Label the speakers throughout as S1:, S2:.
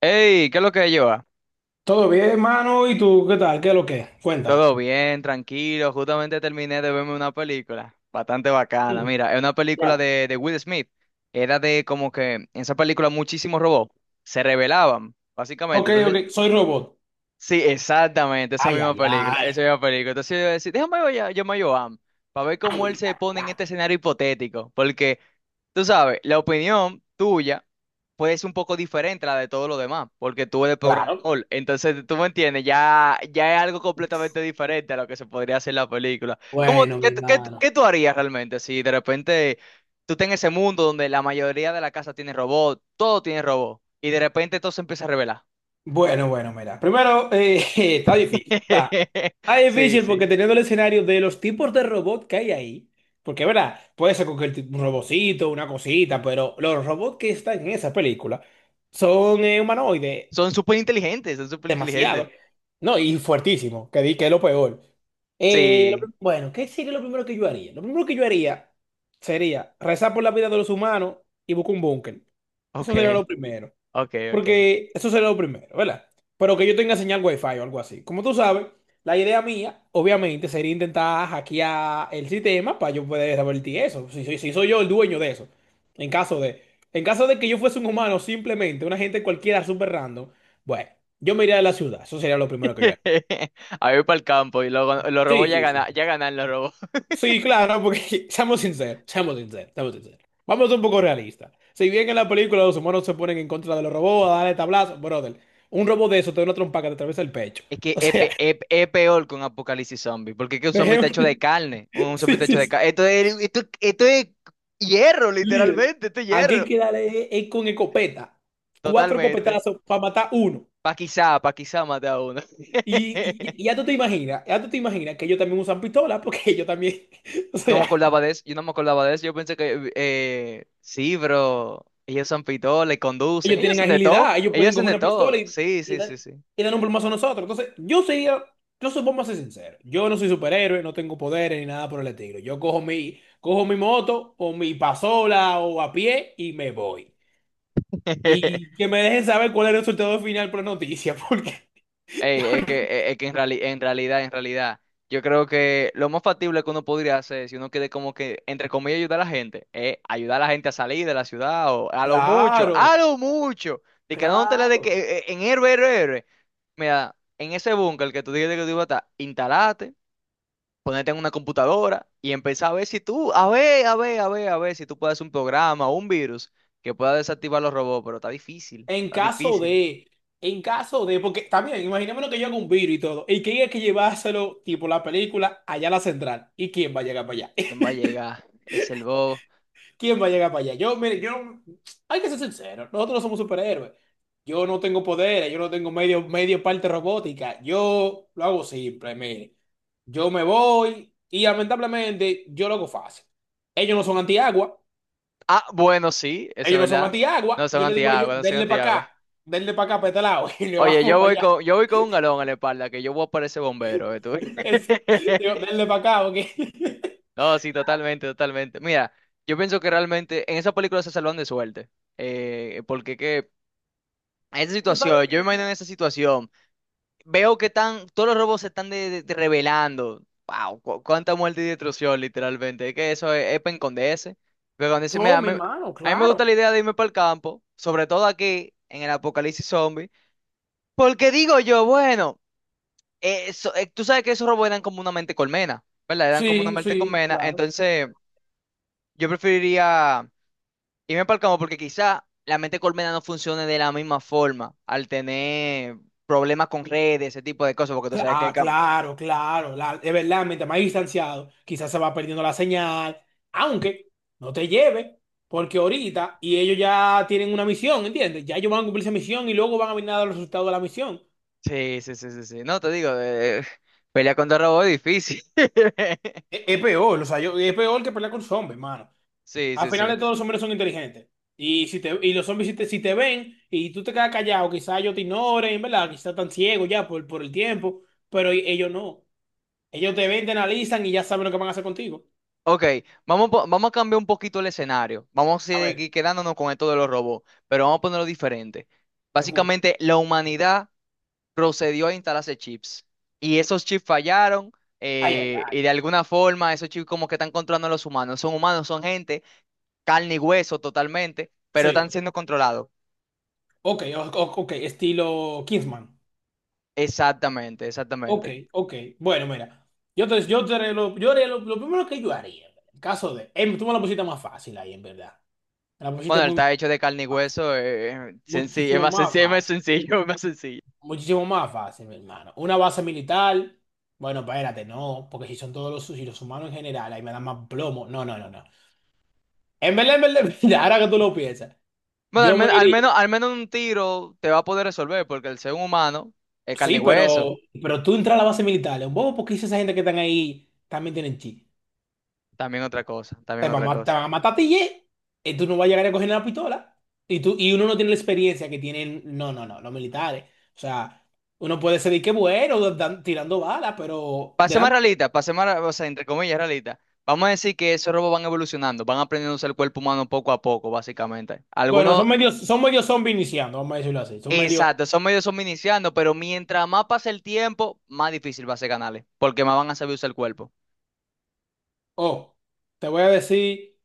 S1: Hey, ¿qué es lo que lleva?
S2: Todo bien, mano. ¿Y tú qué tal? ¿Qué es lo que es? Cuéntame.
S1: Todo bien, tranquilo. Justamente terminé de verme una película bastante bacana.
S2: Sí,
S1: Mira, es una película
S2: claro.
S1: de Will Smith. Era de como que en esa película muchísimos robots se rebelaban, básicamente.
S2: Ok,
S1: Entonces,
S2: ok. Soy robot.
S1: sí, exactamente, esa
S2: Ay,
S1: misma
S2: ay,
S1: película,
S2: ay.
S1: esa misma película. Entonces yo decía, déjame ver, yo me a Joan para ver
S2: Ay,
S1: cómo él se
S2: ay,
S1: pone en
S2: ay.
S1: este escenario hipotético. Porque tú sabes, la opinión tuya pues es un poco diferente a la de todos los demás, porque tú eres
S2: Claro.
S1: programador. Entonces, tú me entiendes, ya, ya es algo completamente diferente a lo que se podría hacer en la película. ¿Cómo,
S2: Bueno, mi
S1: qué
S2: hermano.
S1: tú harías realmente si de repente tú estás en ese mundo donde la mayoría de la casa tiene robot, todo tiene robot, y de repente todo se empieza a revelar?
S2: Bueno, bueno, mira. Primero, está difícil. Está, está
S1: Sí,
S2: difícil
S1: sí.
S2: porque teniendo el escenario de los tipos de robot que hay ahí, porque, ¿verdad? Puede ser cualquier tipo, un robocito, una cosita, pero los robots que están en esa película son humanoides.
S1: Son súper inteligentes, son súper inteligentes.
S2: Demasiado. No, y fuertísimo, que di que es lo peor.
S1: Sí,
S2: Bueno, ¿qué sería lo primero que yo haría? Lo primero que yo haría sería rezar por la vida de los humanos y buscar un búnker.
S1: ok,
S2: Eso sería lo primero.
S1: ok, ok.
S2: Porque eso sería lo primero, ¿verdad? Pero que yo tenga señal wifi o algo así. Como tú sabes, la idea mía, obviamente, sería intentar hackear el sistema para yo poder revertir eso. Si soy yo el dueño de eso. En caso de, en caso de que yo fuese un humano, simplemente una gente cualquiera super random, bueno, yo me iría de la ciudad. Eso sería lo primero que yo haría.
S1: A ir para el campo y los
S2: Sí,
S1: robots
S2: sí, sí.
S1: ya ganan los robots.
S2: Sí, claro, porque seamos sinceros, seamos sinceros, seamos sinceros. Vamos a ser un poco realistas. Si bien en la película los humanos se ponen en contra de los robots a darle tablazo, brother, un robot de eso te da una trompa que te atraviesa el pecho.
S1: Es que
S2: O sea,
S1: es peor que un apocalipsis zombie, porque es que un zombie está
S2: dejemos.
S1: hecho de carne, un zombie
S2: Sí,
S1: está hecho
S2: sí,
S1: de
S2: sí.
S1: carne. Esto es hierro,
S2: Líder.
S1: literalmente, esto es
S2: Aquí hay
S1: hierro.
S2: que darle es con escopeta. Cuatro
S1: Totalmente.
S2: escopetazos para matar uno.
S1: Pa' quizá mate a uno.
S2: Y ya tú te imaginas, ya tú te imaginas que ellos también usan pistola porque ellos también. O
S1: No me
S2: sea.
S1: acordaba de eso, yo no me acordaba de eso, yo pensé que, sí, bro, ellos son pitoles, conducen,
S2: Ellos
S1: ellos
S2: tienen
S1: hacen de todo,
S2: agilidad, ellos
S1: ellos
S2: pueden
S1: hacen
S2: coger
S1: de
S2: una pistola
S1: todo, sí,
S2: y,
S1: sí,
S2: dar-
S1: sí, sí.
S2: y dar un plumazo a nosotros. Entonces, yo sería, yo supongo vamos a ser sincero. Yo no soy superhéroe, no tengo poderes ni nada por el estilo. Cojo mi moto o mi pasola o a pie y me voy. Y que me dejen saber cuál es el resultado final por la noticia, porque yo
S1: Ey, es
S2: no-
S1: que, es en realidad, yo creo que lo más factible que uno podría hacer, si uno quiere como que, entre comillas, ayudar a la gente, es ayudar a la gente a salir de la ciudad, o a
S2: claro,
S1: lo mucho, de que no te la de que
S2: claro.
S1: en héroe, héroe, héroe. Mira, en ese búnker que tú dijiste que tú ibas a estar, instalate, ponete en una computadora y empezá a ver si tú, a ver si tú puedes hacer un programa o un virus que pueda desactivar los robots, pero está difícil,
S2: En
S1: está
S2: caso
S1: difícil.
S2: de, en caso de, porque también, imaginémonos que yo haga un virus y todo, y que hay que llevárselo, tipo la película, allá a la central. ¿Y quién va a llegar para allá?
S1: ¿Quién va a llegar? Es el bobo.
S2: ¿Quién va a llegar para allá? Yo, mire, yo, hay que ser sincero, nosotros no somos superhéroes. Yo no tengo poderes, yo no tengo medio parte robótica. Yo lo hago simple, mire. Yo me voy y lamentablemente yo lo hago fácil. Ellos no son antiagua,
S1: Ah, bueno, sí, eso es
S2: ellos no son
S1: verdad. No
S2: antiagua.
S1: son
S2: Yo le digo a ellos,
S1: antiagua, no son antiagua.
S2: denle para acá, para este lado, y le
S1: Oye,
S2: vamos para allá.
S1: yo voy con un galón a la espalda, que yo voy a parecer bombero, ¿eh, tú?
S2: Es- digo, denle para acá, ok.
S1: No, sí, totalmente, totalmente. Mira, yo pienso que realmente en esa película se salvan de suerte. Porque que en esa
S2: Tú sabes
S1: situación, yo me
S2: que.
S1: imagino en esa situación. Veo que están, todos los robos se están de revelando. Wow, cuánta muerte y destrucción, literalmente. Es que es para esconderse. Pero cuando dice, mira,
S2: Tome, hermano,
S1: a mí me gusta
S2: claro.
S1: la idea de irme para el campo, sobre todo aquí, en el apocalipsis zombie. Porque digo yo, bueno, tú sabes que esos robos eran como una mente colmena, ¿verdad? Eran como una
S2: Sí,
S1: mente
S2: sí,
S1: colmena.
S2: claro.
S1: Entonces, yo preferiría irme para el campo porque quizá la mente colmena no funcione de la misma forma al tener problemas con redes, ese tipo de cosas, porque tú sabes que hay
S2: Ah, claro, claro. Es verdad, mientras más distanciado, quizás se va perdiendo la señal, aunque no te lleve, porque ahorita, y ellos ya tienen una misión, ¿entiendes? Ya ellos van a cumplir esa misión y luego van a venir a dar los resultados de la misión.
S1: sí, sí, sí, sí, sí. No, te digo, pelea contra robots es difícil.
S2: Es peor, o sea, es peor que pelear con zombies, hermano.
S1: Sí,
S2: Al
S1: sí,
S2: final de
S1: sí.
S2: todo, los zombies son inteligentes. Y los zombies, si te ven y tú te quedas callado, quizás ellos te ignoren, ¿verdad? Quizás están ciegos ya por el tiempo, pero ellos no. Ellos te ven, te analizan y ya saben lo que van a hacer contigo.
S1: Ok, vamos a cambiar un poquito el escenario. Vamos a
S2: A ver,
S1: seguir quedándonos con esto de los robots, pero vamos a ponerlo diferente.
S2: te escucho.
S1: Básicamente, la humanidad procedió a instalarse chips y esos chips fallaron
S2: Ay, ay, ay.
S1: y de alguna forma esos chips como que están controlando a los humanos. Son humanos, son gente, carne y hueso totalmente, pero
S2: Sí.
S1: están siendo controlados.
S2: Ok, estilo Kingsman.
S1: Exactamente,
S2: Ok,
S1: exactamente.
S2: ok. Bueno, mira. Yo haré lo primero que yo haría, en el caso de. Tú me la pusiste más fácil ahí, en verdad. Me la pusiste
S1: Bueno, él
S2: muy
S1: está hecho de carne y
S2: fácil.
S1: hueso, sencillo, es
S2: Muchísimo
S1: más
S2: más
S1: sencillo, es más
S2: fácil.
S1: sencillo, es más sencillo.
S2: Muchísimo más fácil, mi hermano. Una base militar. Bueno, espérate, no. Porque si los humanos en general, ahí me dan más plomo. No, no, no, no. En verdad, en verdad, ahora que tú lo piensas.
S1: Bueno,
S2: Yo me iría.
S1: al menos un tiro te va a poder resolver, porque el ser humano es carne
S2: Sí,
S1: y hueso.
S2: pero tú entras a la base militar, es un bobo porque esa gente que están ahí también tienen chi.
S1: También otra cosa, también
S2: Te va a
S1: otra
S2: matar, te
S1: cosa.
S2: va a matar a ti, ye, y tú no vas a llegar a coger la pistola. Y, tú, y uno no tiene la experiencia que tienen, no, no, no, los militares. O sea, uno puede ser de que bueno, tirando balas, pero
S1: Pase más
S2: delante.
S1: realista, o sea, entre comillas, realista. Vamos a decir que esos robots van evolucionando, van aprendiendo a usar el cuerpo humano poco a poco, básicamente.
S2: Bueno,
S1: Algunos,
S2: son medios zombies iniciando, vamos a decirlo así. Son medios,
S1: exacto, son medios, son iniciando, pero mientras más pase el tiempo, más difícil va a ser ganarle, porque más van a saber usar el cuerpo.
S2: oh, te voy a decir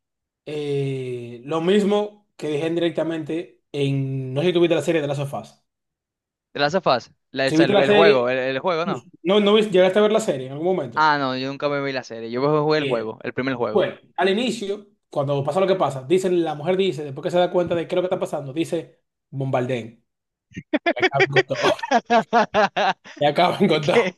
S2: lo mismo que dije directamente en, no sé si tuviste la serie de las sofás.
S1: ¿Te la hace fácil?
S2: Si viste la
S1: El juego,
S2: serie,
S1: el juego, ¿no?
S2: no, llegaste a ver la serie en algún momento.
S1: Ah, no, yo nunca me vi la serie. Yo jugué el
S2: Bien.
S1: juego, el primer juego.
S2: Bueno, al inicio, cuando pasa lo que pasa, dicen, la mujer dice, después que se da cuenta de qué es lo que está pasando, dice, bombardeen, y acaben con todo, y acaben
S1: Es
S2: con
S1: que,
S2: todo,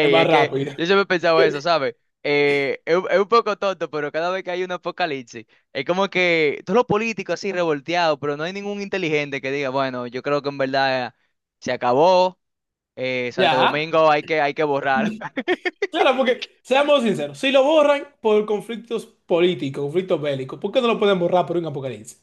S2: es más
S1: es que
S2: rápido.
S1: yo siempre he pensado eso, ¿sabes? Es un poco tonto, pero cada vez que hay un apocalipsis, es como que todos los políticos así revolteados, pero no hay ningún inteligente que diga, bueno, yo creo que en verdad se acabó, Santo
S2: Ya,
S1: Domingo hay que borrar.
S2: claro, porque seamos sinceros, si lo borran por conflictos políticos, conflictos bélicos, ¿por qué no lo pueden borrar por un apocalipsis?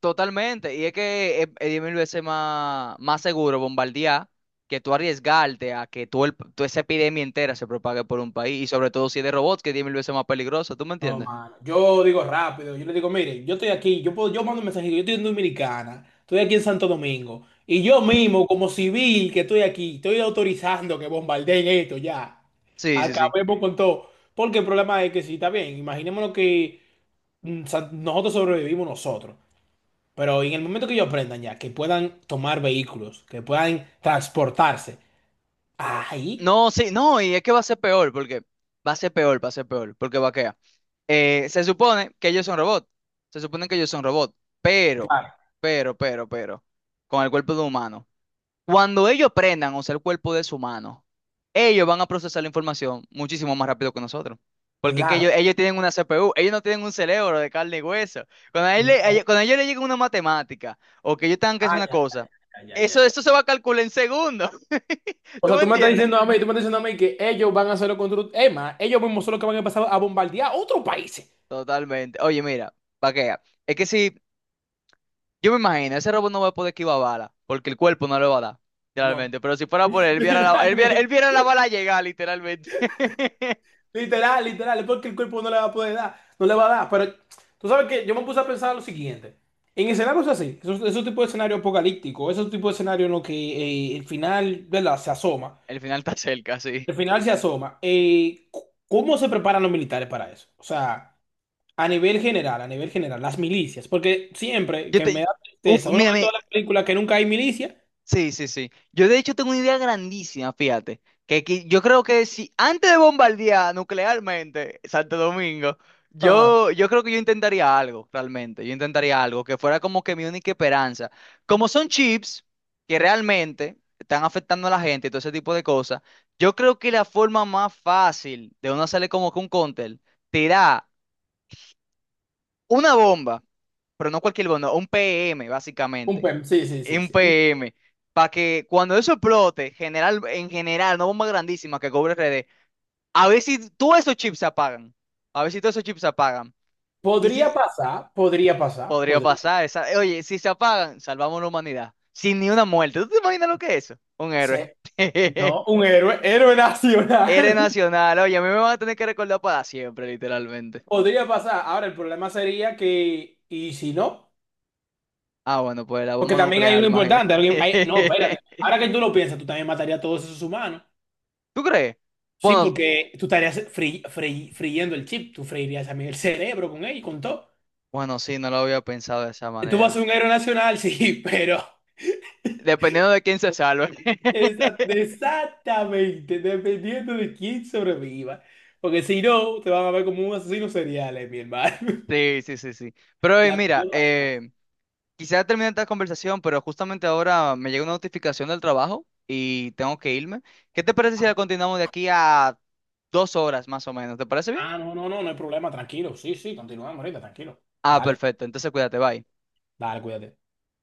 S1: Totalmente, y es que es 10.000 veces más, más seguro bombardear que tú arriesgarte a que tú esa epidemia entera se propague por un país, y sobre todo si es de robots, que es 10.000 veces más peligroso, ¿tú me
S2: No,
S1: entiendes?
S2: mano. Yo digo rápido, yo le digo, mire, yo estoy aquí, yo puedo, yo mando un mensajito, yo estoy en Dominicana, estoy aquí en Santo Domingo, y yo mismo, como civil que estoy aquí, estoy autorizando que bombardeen esto ya.
S1: Sí, sí, sí.
S2: Acabemos con todo. Porque el problema es que sí, está bien, imaginémonos que nosotros sobrevivimos nosotros, pero en el momento que ellos aprendan ya, que puedan tomar vehículos, que puedan transportarse, ahí,
S1: No, sí, no, y es que va a ser peor, porque va a ser peor, va a ser peor, porque va a quedar. Se supone que ellos son robots, se supone que ellos son robots, pero,
S2: claro,
S1: pero con el cuerpo de un humano. Cuando ellos prendan, o sea, el cuerpo de su mano, ellos van a procesar la información muchísimo más rápido que nosotros. Porque que ellos,
S2: claro,
S1: ellos tienen una CPU, ellos no tienen un cerebro de carne y hueso.
S2: no,
S1: Cuando a ellos les llega una matemática o que ellos tengan que hacer
S2: ay,
S1: una
S2: ay,
S1: cosa,
S2: ay, ay, ay, ay.
S1: eso se va a calcular en segundos.
S2: O
S1: ¿Tú
S2: sea,
S1: me
S2: tú me estás
S1: entiendes?
S2: diciendo a mí, tú me estás diciendo a mí que ellos van a hacerlo contra... Emma, ellos mismos son los que van a empezar a bombardear otros países.
S1: Totalmente. Oye, mira, pa' que vea. Es que si, yo me imagino, ese robot no va a poder esquivar bala, porque el cuerpo no le va a dar,
S2: No.
S1: literalmente. Pero si fuera por él, él
S2: Literalmente.
S1: viera la bala llegar, literalmente.
S2: Literal, literal. Es porque el cuerpo no le va a poder dar. No le va a dar. Pero tú sabes que yo me puse a pensar lo siguiente. En escenarios así, esos tipos de escenario apocalíptico, esos tipos de escenario en los que el final, ¿verdad? Se asoma.
S1: El final está cerca, sí.
S2: El final se asoma. ¿Cómo se preparan los militares para eso? O sea... a nivel general, las milicias, porque siempre
S1: Yo
S2: que me
S1: te...
S2: da
S1: Uf,
S2: tristeza, uno ve
S1: mírame.
S2: todas las películas que nunca hay milicia,
S1: Sí, sí, sí. Yo de hecho tengo una idea grandísima, fíjate. Que yo creo que si antes de bombardear nuclearmente Santo Domingo,
S2: ajá,
S1: yo creo que yo intentaría algo, realmente. Yo intentaría algo que fuera como que mi única esperanza. Como son chips que realmente están afectando a la gente y todo ese tipo de cosas, yo creo que la forma más fácil de uno hacerle como que un cóctel, tirar una bomba, pero no cualquier bomba, un PM,
S2: un
S1: básicamente
S2: PEM, sí, sí, sí,
S1: un
S2: sí. Un-
S1: PM, para que cuando eso explote, general, en general, no bomba grandísima que cobre RD, a ver si todos esos chips se apagan. A ver si todos esos chips se apagan. Y
S2: Podría
S1: si
S2: pasar, podría pasar,
S1: podría
S2: podría
S1: pasar, oye, si se apagan, salvamos la humanidad. Sin ni una muerte. ¿Tú te imaginas lo que es eso? Un héroe.
S2: ser, no, un héroe, héroe
S1: Héroe
S2: nacional,
S1: nacional. Oye, a mí me van a tener que recordar para siempre, literalmente.
S2: podría pasar. Ahora, el problema sería que, y si no,
S1: Ah, bueno, pues la
S2: porque
S1: bomba
S2: también hay
S1: nuclear,
S2: uno importante,
S1: imagínate.
S2: alguien- hay- no, espérate, ahora que tú lo piensas, tú también matarías a todos esos humanos,
S1: ¿Tú crees?
S2: sí,
S1: Bueno,
S2: porque tú estarías friendo el chip, tú freirías también el cerebro con él, y con todo.
S1: bueno, sí, no lo había pensado de esa
S2: Tú vas a
S1: manera.
S2: ser un héroe nacional, sí, pero
S1: Dependiendo de quién se salve.
S2: exactamente, dependiendo de quién sobreviva. Porque si no, te van a ver como un asesino serial, mi hermano.
S1: Sí, sí, sí, sí. Pero
S2: La
S1: mira, quisiera terminar esta conversación, pero justamente ahora me llega una notificación del trabajo y tengo que irme. ¿Qué te parece si la continuamos de aquí a 2 horas más o menos? ¿Te parece bien?
S2: Ah, no, no, no, no hay problema, tranquilo. Sí, sí, continúa, ahorita, tranquilo.
S1: Ah,
S2: Dale,
S1: perfecto. Entonces cuídate, bye.
S2: dale, cuídate.